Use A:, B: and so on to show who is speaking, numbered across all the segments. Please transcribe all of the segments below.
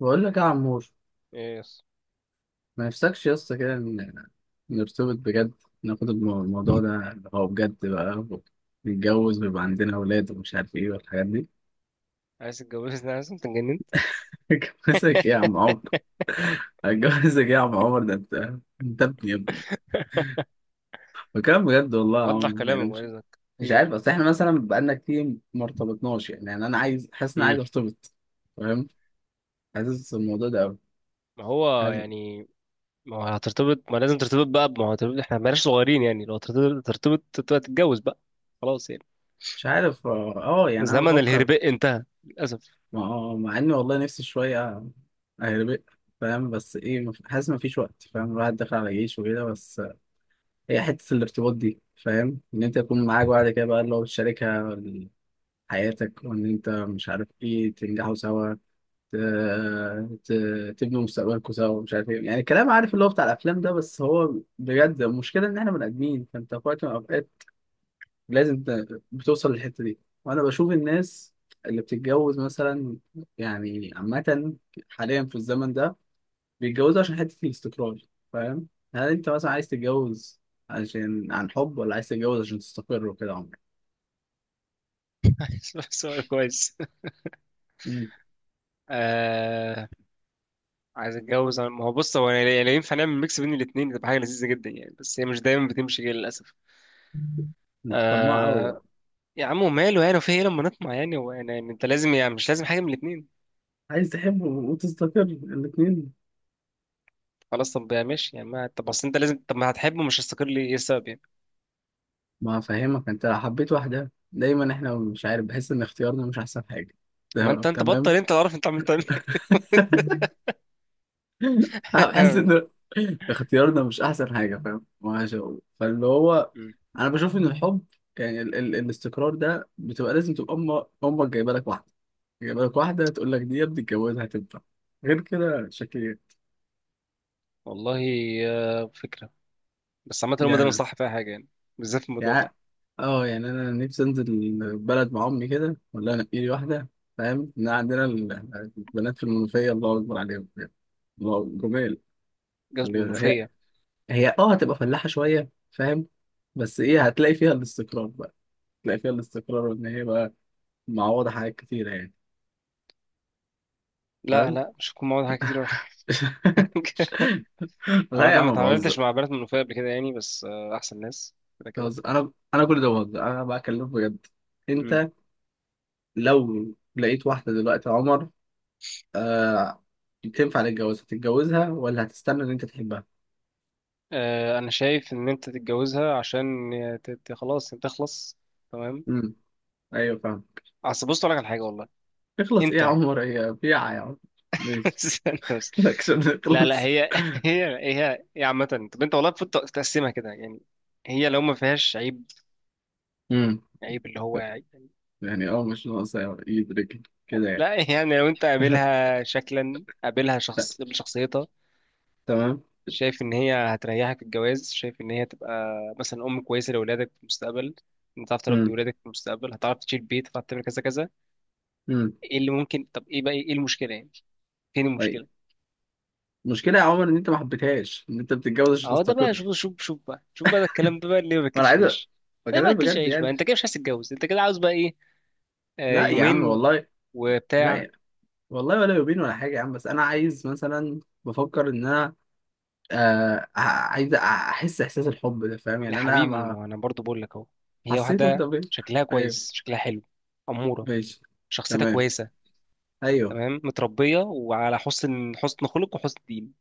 A: بقول لك يا عمور.
B: ايه يس.
A: ما نفسكش يا اسطى كده نرتبط بجد، ناخد الموضوع ده اللي هو بجد بقى نتجوز ويبقى عندنا اولاد ومش عارف ايه والحاجات دي.
B: عايز تتجوزني؟ عايز انت؟ اتجننت؟
A: اتجوزك ايه يا عم عمر، اتجوزك ايه يا عم عمر، ده انت، انت ابني يا ابني. بكلام بجد والله يا
B: وضح
A: عمر، يعني
B: كلامك بعد
A: مش
B: اذنك، في
A: مش
B: ايه؟
A: عارف. اصل احنا مثلا بقالنا كتير ما ارتبطناش، يعني، يعني انا عايز، حاسس ان انا
B: امم.
A: عايز ارتبط. فاهم، حاسس الموضوع ده قوي.
B: ما هو
A: حاسس.
B: يعني ما هو هترتبط، ما لازم ترتبط بقى، ما هو هترتبط، احنا بلاش صغيرين يعني، لو ترتبط ترتبط تبقى تتجوز بقى. خلاص يعني.
A: مش عارف، اه، يعني انا
B: زمن
A: بفكر.
B: الهرباء انتهى للاسف.
A: ما هو مع اني والله نفسي شوية اهربق. فاهم، بس ايه حاسس مفيش وقت، فاهم، الواحد داخل على جيش وكده. بس هي حتة الارتباط دي، فاهم، ان انت يكون معاك بعد كده بقى اللي هو بتشاركها حياتك، وان انت مش عارف ايه، تنجحوا سوا، ت- تبنوا مستقبلكوا سوا، مش عارف ايه، يعني الكلام، عارف، اللي هو بتاع الافلام ده. بس هو بجد، المشكلة ان احنا بني ادمين، فانت في وقت من الاوقات لازم بتوصل للحته دي. وانا بشوف الناس اللي بتتجوز مثلا، يعني عامه حاليا في الزمن ده بيتجوزوا عشان حته الاستقرار. فاهم، هل انت مثلا عايز تتجوز عشان عن حب، ولا عايز تتجوز عشان تستقر وكده عمرك؟
B: سؤال كويس.
A: مم.
B: آه... عايز اتجوز، ما هو بص هو يعني لو ينفع نعمل ميكس بين الاثنين تبقى حاجه لذيذه جدا يعني، بس هي مش دايما بتمشي كده للاسف.
A: انت طماع قوي بقى،
B: آه... يا عم وماله يعني، في ايه لما نطمع يعني، هو يعني انت لازم يعني مش لازم حاجه من الاثنين.
A: عايز تحب وتستقر الاتنين.
B: خلاص طب يا ماشي يعني، ما طب اصل انت لازم، طب ما هتحبه مش هيستقر ليه، ايه السبب يعني؟
A: ما فاهمك، انت لو حبيت واحدة دايما احنا مش عارف، بحس ان اختيارنا مش احسن حاجة.
B: ما انت انت بطل،
A: تمام.
B: انت اللي عارف انت عملت ايه.
A: انا بحس ان اختيارنا مش احسن حاجه، فاهم، ماشي. فاللي هو
B: مم.
A: انا بشوف ان الحب، يعني ال الاستقرار ده بتبقى لازم تبقى امك جايبه لك واحده، جايبه لك واحده تقول لك دي يا ابني اتجوزها هتنفع، غير كده شكلي
B: والله. آه، فكرة. بس عامة هما دايما
A: يعني.
B: صح فيها حاجة يعني، بالذات في الموضوع ده.
A: يعني اه، يعني انا نفسي انزل البلد مع امي كده، ولا انا لي واحده، فاهم، ان عندنا البنات في المنوفيه الله اكبر عليهم بجد. الله جمال
B: جواز
A: اللي هي
B: منوفية.
A: هي اه هتبقى فلاحه شويه، فاهم، بس ايه هتلاقي فيها الاستقرار بقى، تلاقي فيها الاستقرار، وان هي بقى معوضة حاجات كتيرة يعني.
B: لا
A: فاهم.
B: لا، مش هكون معاهم حاجة كتير ولا حاجة.
A: لا يا
B: عامة ما
A: عم،
B: اتعاملتش
A: بهزر،
B: مع بنات منوفية قبل كده يعني، بس آه، أحسن ناس كده كده.
A: بهزر، انا كل ده بهزر، انا بكلمك بجد.
B: مم.
A: انت لو لقيت واحدة دلوقتي يا عمر، آه، تنفع للجواز، هتتجوزها ولا هتستنى ان انت تحبها؟
B: آه، أنا شايف إن أنت تتجوزها عشان خلاص أنت تخلص. تمام.
A: امم، ايوه، فاهم.
B: أصل بص أقول لك على حاجة والله.
A: اخلص ايه يا
B: أنت
A: عمر، هي بيعة يا عمر؟ ماشي.
B: استنى بس.
A: الاكشن
B: لا لا،
A: اخلص.
B: هي هي عامة، طب انت والله المفروض تقسمها كده يعني، هي لو ما فيهاش عيب،
A: امم.
B: عيب اللي هو يعني،
A: يعني اه، مش ناقصة يدرك كده يعني.
B: لا يعني لو انت قابلها شكلا قابلها
A: لا،
B: شخص قابل شخصيتها،
A: تمام.
B: شايف ان هي هتريحك في الجواز، شايف ان هي تبقى مثلا ام كويسة لاولادك في المستقبل، انت هتعرف تربي
A: امم.
B: ولادك في المستقبل، هتعرف تشيل بيت، هتعرف تعمل كذا كذا.
A: امم.
B: ايه اللي ممكن، طب ايه بقى، ايه المشكلة يعني؟ فين المشكلة؟
A: المشكله يا عمر ان انت ما حبيتهاش، ان انت بتتجوز عشان
B: اهو ده بقى،
A: تستقر،
B: شوف بقى، ده الكلام ده بقى اللي ما
A: وانا
B: باكلش
A: عايز
B: عيش. ده ما
A: بكلمك
B: باكلش
A: بجد
B: عيش بقى،
A: يعني.
B: انت كده مش عايز تتجوز، انت كده عاوز بقى ايه؟ آه
A: لا يا عم
B: يومين
A: والله، لا
B: وبتاع.
A: يا. والله ولا يبين ولا حاجه يا عم، بس انا عايز مثلا، بفكر ان انا، آه، عايز احس احساس الحب ده، فاهم
B: يا
A: يعني انا
B: حبيبي
A: ما
B: ما انا برضو بقول لك اهو، هي
A: حسيته انت
B: واحده
A: فين.
B: شكلها
A: ايوه.
B: كويس، شكلها حلو، اموره،
A: ماشي.
B: شخصيتها
A: تمام.
B: كويسه،
A: ايوه.
B: تمام، متربيه وعلى حسن، حسن خلق وحسن دين.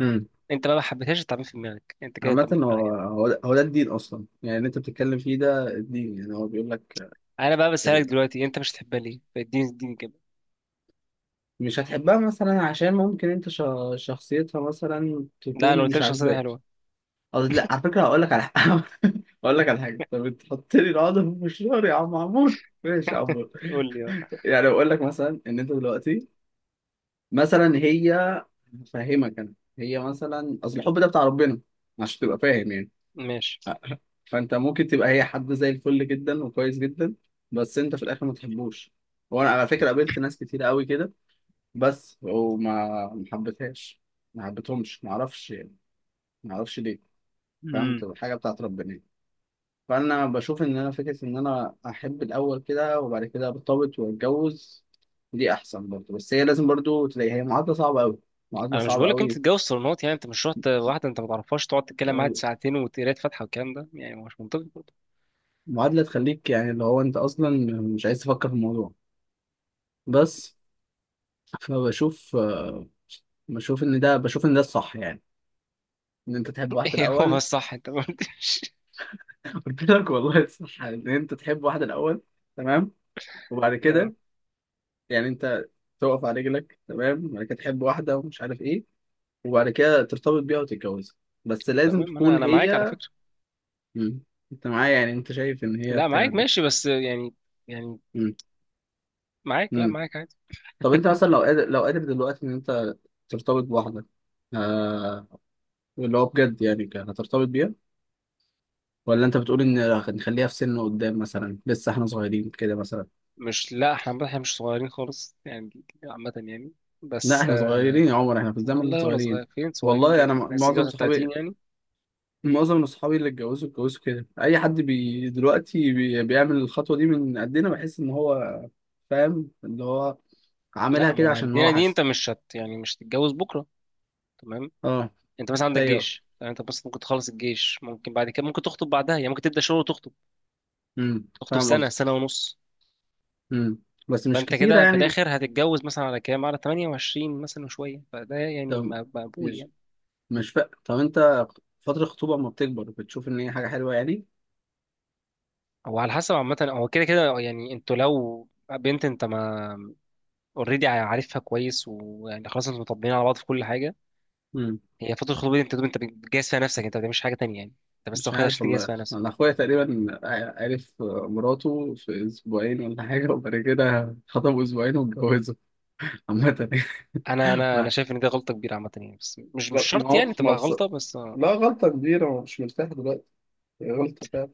A: امم.
B: انت بقى ما حبيتهاش، تعمل في دماغك انت كده،
A: عامة
B: تعمل في دماغك
A: هو
B: انت.
A: هو ده هو ده الدين أصلا، يعني اللي أنت بتتكلم فيه ده الدين يعني. هو بيقول لك
B: انا بقى بسالك
A: ال-
B: دلوقتي، انت مش تحبها ليه؟ اديني كده.
A: مش هتحبها مثلا عشان ممكن أنت شخصيتها مثلا
B: لا انا
A: تكون
B: قلت لك
A: مش
B: شخصيتها
A: عاجباك.
B: حلوه.
A: قصدي لا، على فكرة هقول لك على حاجة. هقول لك على حاجة، طب انت حط لي العقدة في مشوار يا عم عمور، ماشي يا عمور.
B: قول لي بقى.
A: يعني بقول لك مثلا ان انت دلوقتي، مثلا هي، هفهمك انا، هي مثلا اصل الحب ده بتاع ربنا عشان تبقى فاهم يعني.
B: ماشي.
A: آه، فانت ممكن تبقى هي حد زي الفل جدا وكويس جدا، بس انت في الاخر ما تحبوش. وانا على فكرة قابلت ناس كتير قوي كده، بس وما، ما حبيتهاش، ما حبيتهمش، ما اعرفش يعني، ما اعرفش ليه، فاهم، تبقى حاجة بتاعت ربنا يعني. فانا بشوف ان انا فكره ان انا احب الاول كده وبعد كده ارتبط واتجوز، دي احسن برضه. بس هي لازم برضه تلاقي، هي معادله صعبه قوي، معادله
B: انا مش
A: صعبه
B: بقولك انت
A: قوي،
B: تتجوز صالونات يعني، انت مش رحت واحده انت ما تعرفهاش، تقعد تتكلم معاها ساعتين وتقرا فاتحه والكلام ده يعني، هو مش منطقي برضه.
A: معادله تخليك يعني اللي هو انت اصلا مش عايز تفكر في الموضوع. بس فبشوف، بشوف ان ده، بشوف ان ده الصح يعني، ان انت تحب واحده
B: ايه هو، بس
A: الاول.
B: صح انت ما قلتش.
A: قلت لك والله، الصح ان انت تحب واحده الاول، تمام، وبعد
B: اه،
A: كده يعني انت تقف على رجلك، تمام، وبعد كده تحب واحده ومش عارف ايه، وبعد كده ترتبط بيها وتتجوزها، بس لازم
B: تمام. انا
A: تكون
B: انا معاك على
A: هي.
B: فكره.
A: مم. انت معايا يعني، انت شايف ان هي
B: لا
A: بتاع
B: معاك
A: ده؟
B: ماشي، بس يعني يعني
A: مم.
B: معاك، لا
A: مم.
B: معاك عادي.
A: طب انت مثلا لو قادر، لو قادر دلوقتي ان انت ترتبط بواحدة، آه، اللي هو بجد يعني، هترتبط بيها، ولا انت بتقول ان نخليها في سن قدام مثلا، لسه احنا صغيرين كده مثلا؟
B: مش، لا احنا عامة احنا مش صغيرين خالص يعني، عامه يعني،
A: لا
B: بس
A: احنا
B: آه،
A: صغيرين يا عمر، احنا في الزمن ده
B: والله ولا
A: صغيرين.
B: صغير، فين صغيرين دي
A: والله انا
B: يعني، بس
A: معظم
B: جواز
A: صحابي،
B: 30 يعني.
A: معظم من اصحابي اللي اتجوزوا، اتجوزوا كده. اي حد بي دلوقتي بي بيعمل الخطوه دي من قدنا بحس ان هو، فاهم، اللي هو
B: لا
A: عاملها
B: ما
A: كده
B: هو
A: عشان
B: عندنا
A: هو
B: دي، انت
A: حاسس.
B: مش هت يعني مش هتتجوز بكره. تمام.
A: اه.
B: انت بس عندك
A: ايوه.
B: جيش، يعني انت بس ممكن تخلص الجيش، ممكن بعد كده ممكن تخطب بعدها يعني، ممكن تبدا شغل وتخطب،
A: امم،
B: تخطب
A: فاهم
B: سنة
A: قصدك.
B: سنة ونص.
A: امم، بس مش
B: فأنت
A: كتيره
B: كده في
A: يعني، مش.
B: الآخر هتتجوز مثلا على كام، على 28 مثلا وشوية، فده يعني
A: طب
B: مقبول
A: مش،
B: يعني.
A: طب انت فتره الخطوبه اما بتكبر بتشوف ان هي حاجه حلوه يعني؟
B: هو على حسب، عامة هو كده كده يعني، انتوا لو بنت انت ما اوريدي عارفها كويس ويعني خلاص انتوا مطبقين على بعض في كل حاجة.
A: امم.
B: هي فترة الخطوبة دي انت بتجهز فيها نفسك، انت ما بتعملش حاجة تانية يعني، انت بس
A: مش
B: واخدها عشان
A: عارف
B: تجهز
A: والله،
B: فيها
A: انا
B: نفسك.
A: اخويا تقريبا، عرف مراته في اسبوعين ولا حاجه، وبعد كده خطبوا اسبوعين واتجوزوا. عامه.
B: انا شايف ان دي غلطة كبيرة عامة يعني، بس مش
A: ما
B: شرط
A: هو
B: يعني
A: ما
B: تبقى غلطة بس.
A: لا، غلطة كبيرة وأنا مش مرتاح دلوقتي، هي غلطة فعلا.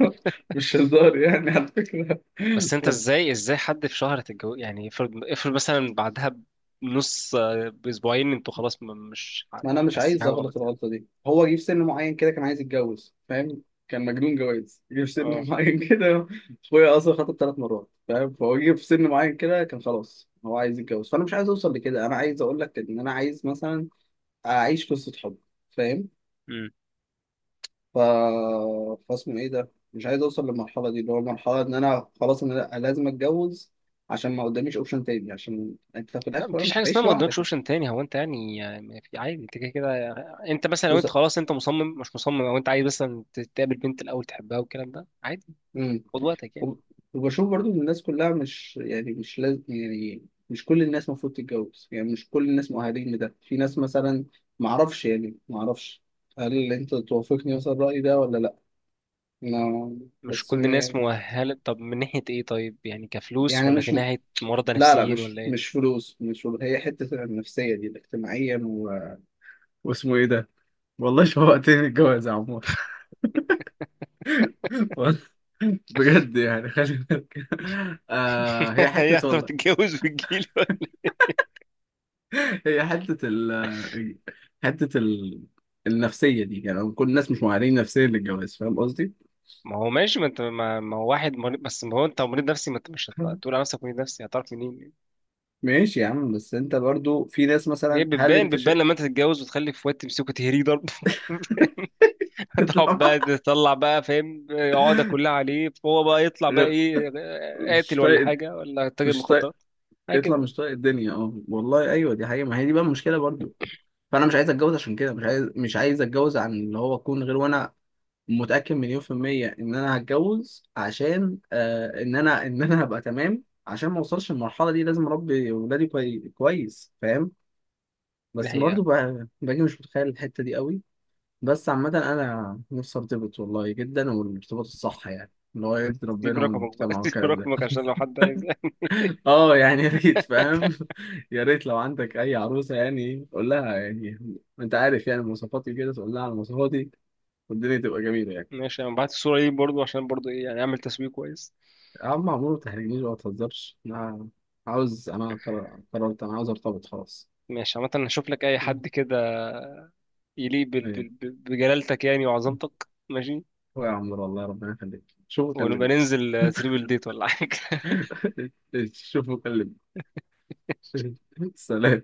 A: مش هزار يعني على فكرة.
B: بس انت
A: بس
B: ازاي، ازاي حد في شهر تتجوز يعني، افرض مثلا بعدها بنص، آه، باسبوعين انتوا خلاص، مش ح-
A: ما أنا مش
B: حاسين
A: عايز
B: حاجه
A: أغلط
B: غلط يعني؟
A: الغلطة دي. هو جه في سن معين كده كان عايز يتجوز، فاهم، كان مجنون جواز، جه في
B: اه.
A: سن معين كده. أخويا أصلا خطب 3 مرات، فاهم، فهو جه في سن معين كده كان خلاص هو عايز يتجوز. فأنا مش عايز أوصل لكده، أنا عايز أقول لك إن أنا عايز مثلا أعيش قصة حب، فاهم.
B: امم.
A: ف... فاسمه ايه ده، مش عايز اوصل للمرحله دي، اللي هو المرحله ان انا خلاص انا لأ، لازم اتجوز عشان ما قداميش اوبشن تاني، عشان انت في
B: لا
A: الاخر
B: مفيش
A: مش
B: حاجه اسمها
A: هتعيش
B: ما قدامكش
A: لوحدك يعني.
B: اوبشن تاني، هو انت يعني يعني في عادي انت كده كده. انت مثلا لو
A: بص.
B: انت خلاص انت مصمم، مش مصمم او انت عايز مثلا تقابل بنت الاول تحبها والكلام ده عادي،
A: امم.
B: خد وقتك يعني.
A: وب- وبشوف برضو ان الناس كلها مش يعني مش لازم، يعني مش كل الناس المفروض تتجوز، يعني مش كل الناس مؤهلين لده. في ناس مثلا، ما اعرفش يعني، ما اعرفش. هل انت توافقني مثلا الرأي ده ولا لا؟ ما
B: مش
A: بس
B: كل الناس
A: ما
B: مؤهله، طب من ناحيه ايه؟ طيب يعني كفلوس،
A: يعني
B: ولا
A: مش
B: كناحيه مرضى
A: لا لا،
B: نفسيين
A: مش
B: ولا ايه؟
A: مش فلوس، مش فلوس. هي حتة النفسية دي، الاجتماعيا، واسمه ايه ده. والله شوقتني الجواز يا عمور. والله بجد يعني، خلي بالك. آه، هي
B: هي
A: حتة
B: هتروح
A: والله،
B: تتجوز في الجيل.
A: هي حتة ال النفسية دي، يعني كل الناس مش معانين نفسيا للجواز، فاهم قصدي؟
B: ما هو ماشي، ما انت ما, ما هو واحد مريض، بس ما هو انت مريض نفسي، ما انت مش هت- هتقول على نفسك مريض نفسي، هتعرف منين؟
A: ماشي يا عم، بس انت برضو في ناس
B: هي
A: مثلا، هل
B: بتبان،
A: انت
B: بتبان
A: شيء؟
B: لما انت تتجوز وتخلف واد تمسكه تهريه ضرب. تقعد بقى
A: اطلع
B: تطلع بقى، فاهم؟ عقدة كلها عليه، فهو بقى يطلع بقى
A: غير-
B: ايه،
A: مش
B: قاتل ولا
A: طايق،
B: حاجة ولا تاجر
A: مش طايق،
B: مخدرات، حاجة كده
A: اطلع مش
B: يعني.
A: طايق الدنيا. اه والله ايوه، دي حقيقة، ما هي دي بقى المشكلة برضو. فانا مش عايز اتجوز عشان كده، مش عايز، مش عايز اتجوز عن اللي هو اكون غير، وانا متأكد مليون% إن أنا هتجوز عشان، آه، إن أنا، إن أنا هبقى تمام، عشان ما أوصلش المرحلة دي. لازم أربي ولادي كويس، فاهم،
B: دي
A: بس
B: الحقيقة.
A: برضه باجي مش متخيل الحتة دي قوي. بس عامة أنا نفسي أرتبط والله جدا، والارتباط الصح يعني، اللي هو يرضي
B: سيب
A: ربنا
B: رقمك بقى،
A: والمجتمع
B: سيب
A: والكلام ده.
B: رقمك عشان لو حد عايز.
A: اه، يعني يا ريت، فاهم. يا ريت لو عندك اي عروسه يعني قول لها يعني، انت عارف يعني مواصفاتي كده، تقول لها على مواصفاتي، والدنيا تبقى جميله يعني.
B: ماشي، انا بعت الصورة دي برضو عشان برضو ايه يعني، اعمل تسويق كويس.
A: يا عم عمرو ما تحرجنيش بقى، ما تهزرش، انا عاوز، انا قررت، انا عاوز ارتبط خلاص.
B: ماشي، عامة هشوف لك اي
A: مم.
B: حد كده يليق
A: ايه.
B: بجلالتك يعني وعظمتك. ماشي،
A: هو يا عمرو والله ربنا يخليك، شوفوا
B: ونبقى
A: كلمني.
B: ننزل تريبل ديت ولا حاجة.
A: شوفوا كلمني. سلام.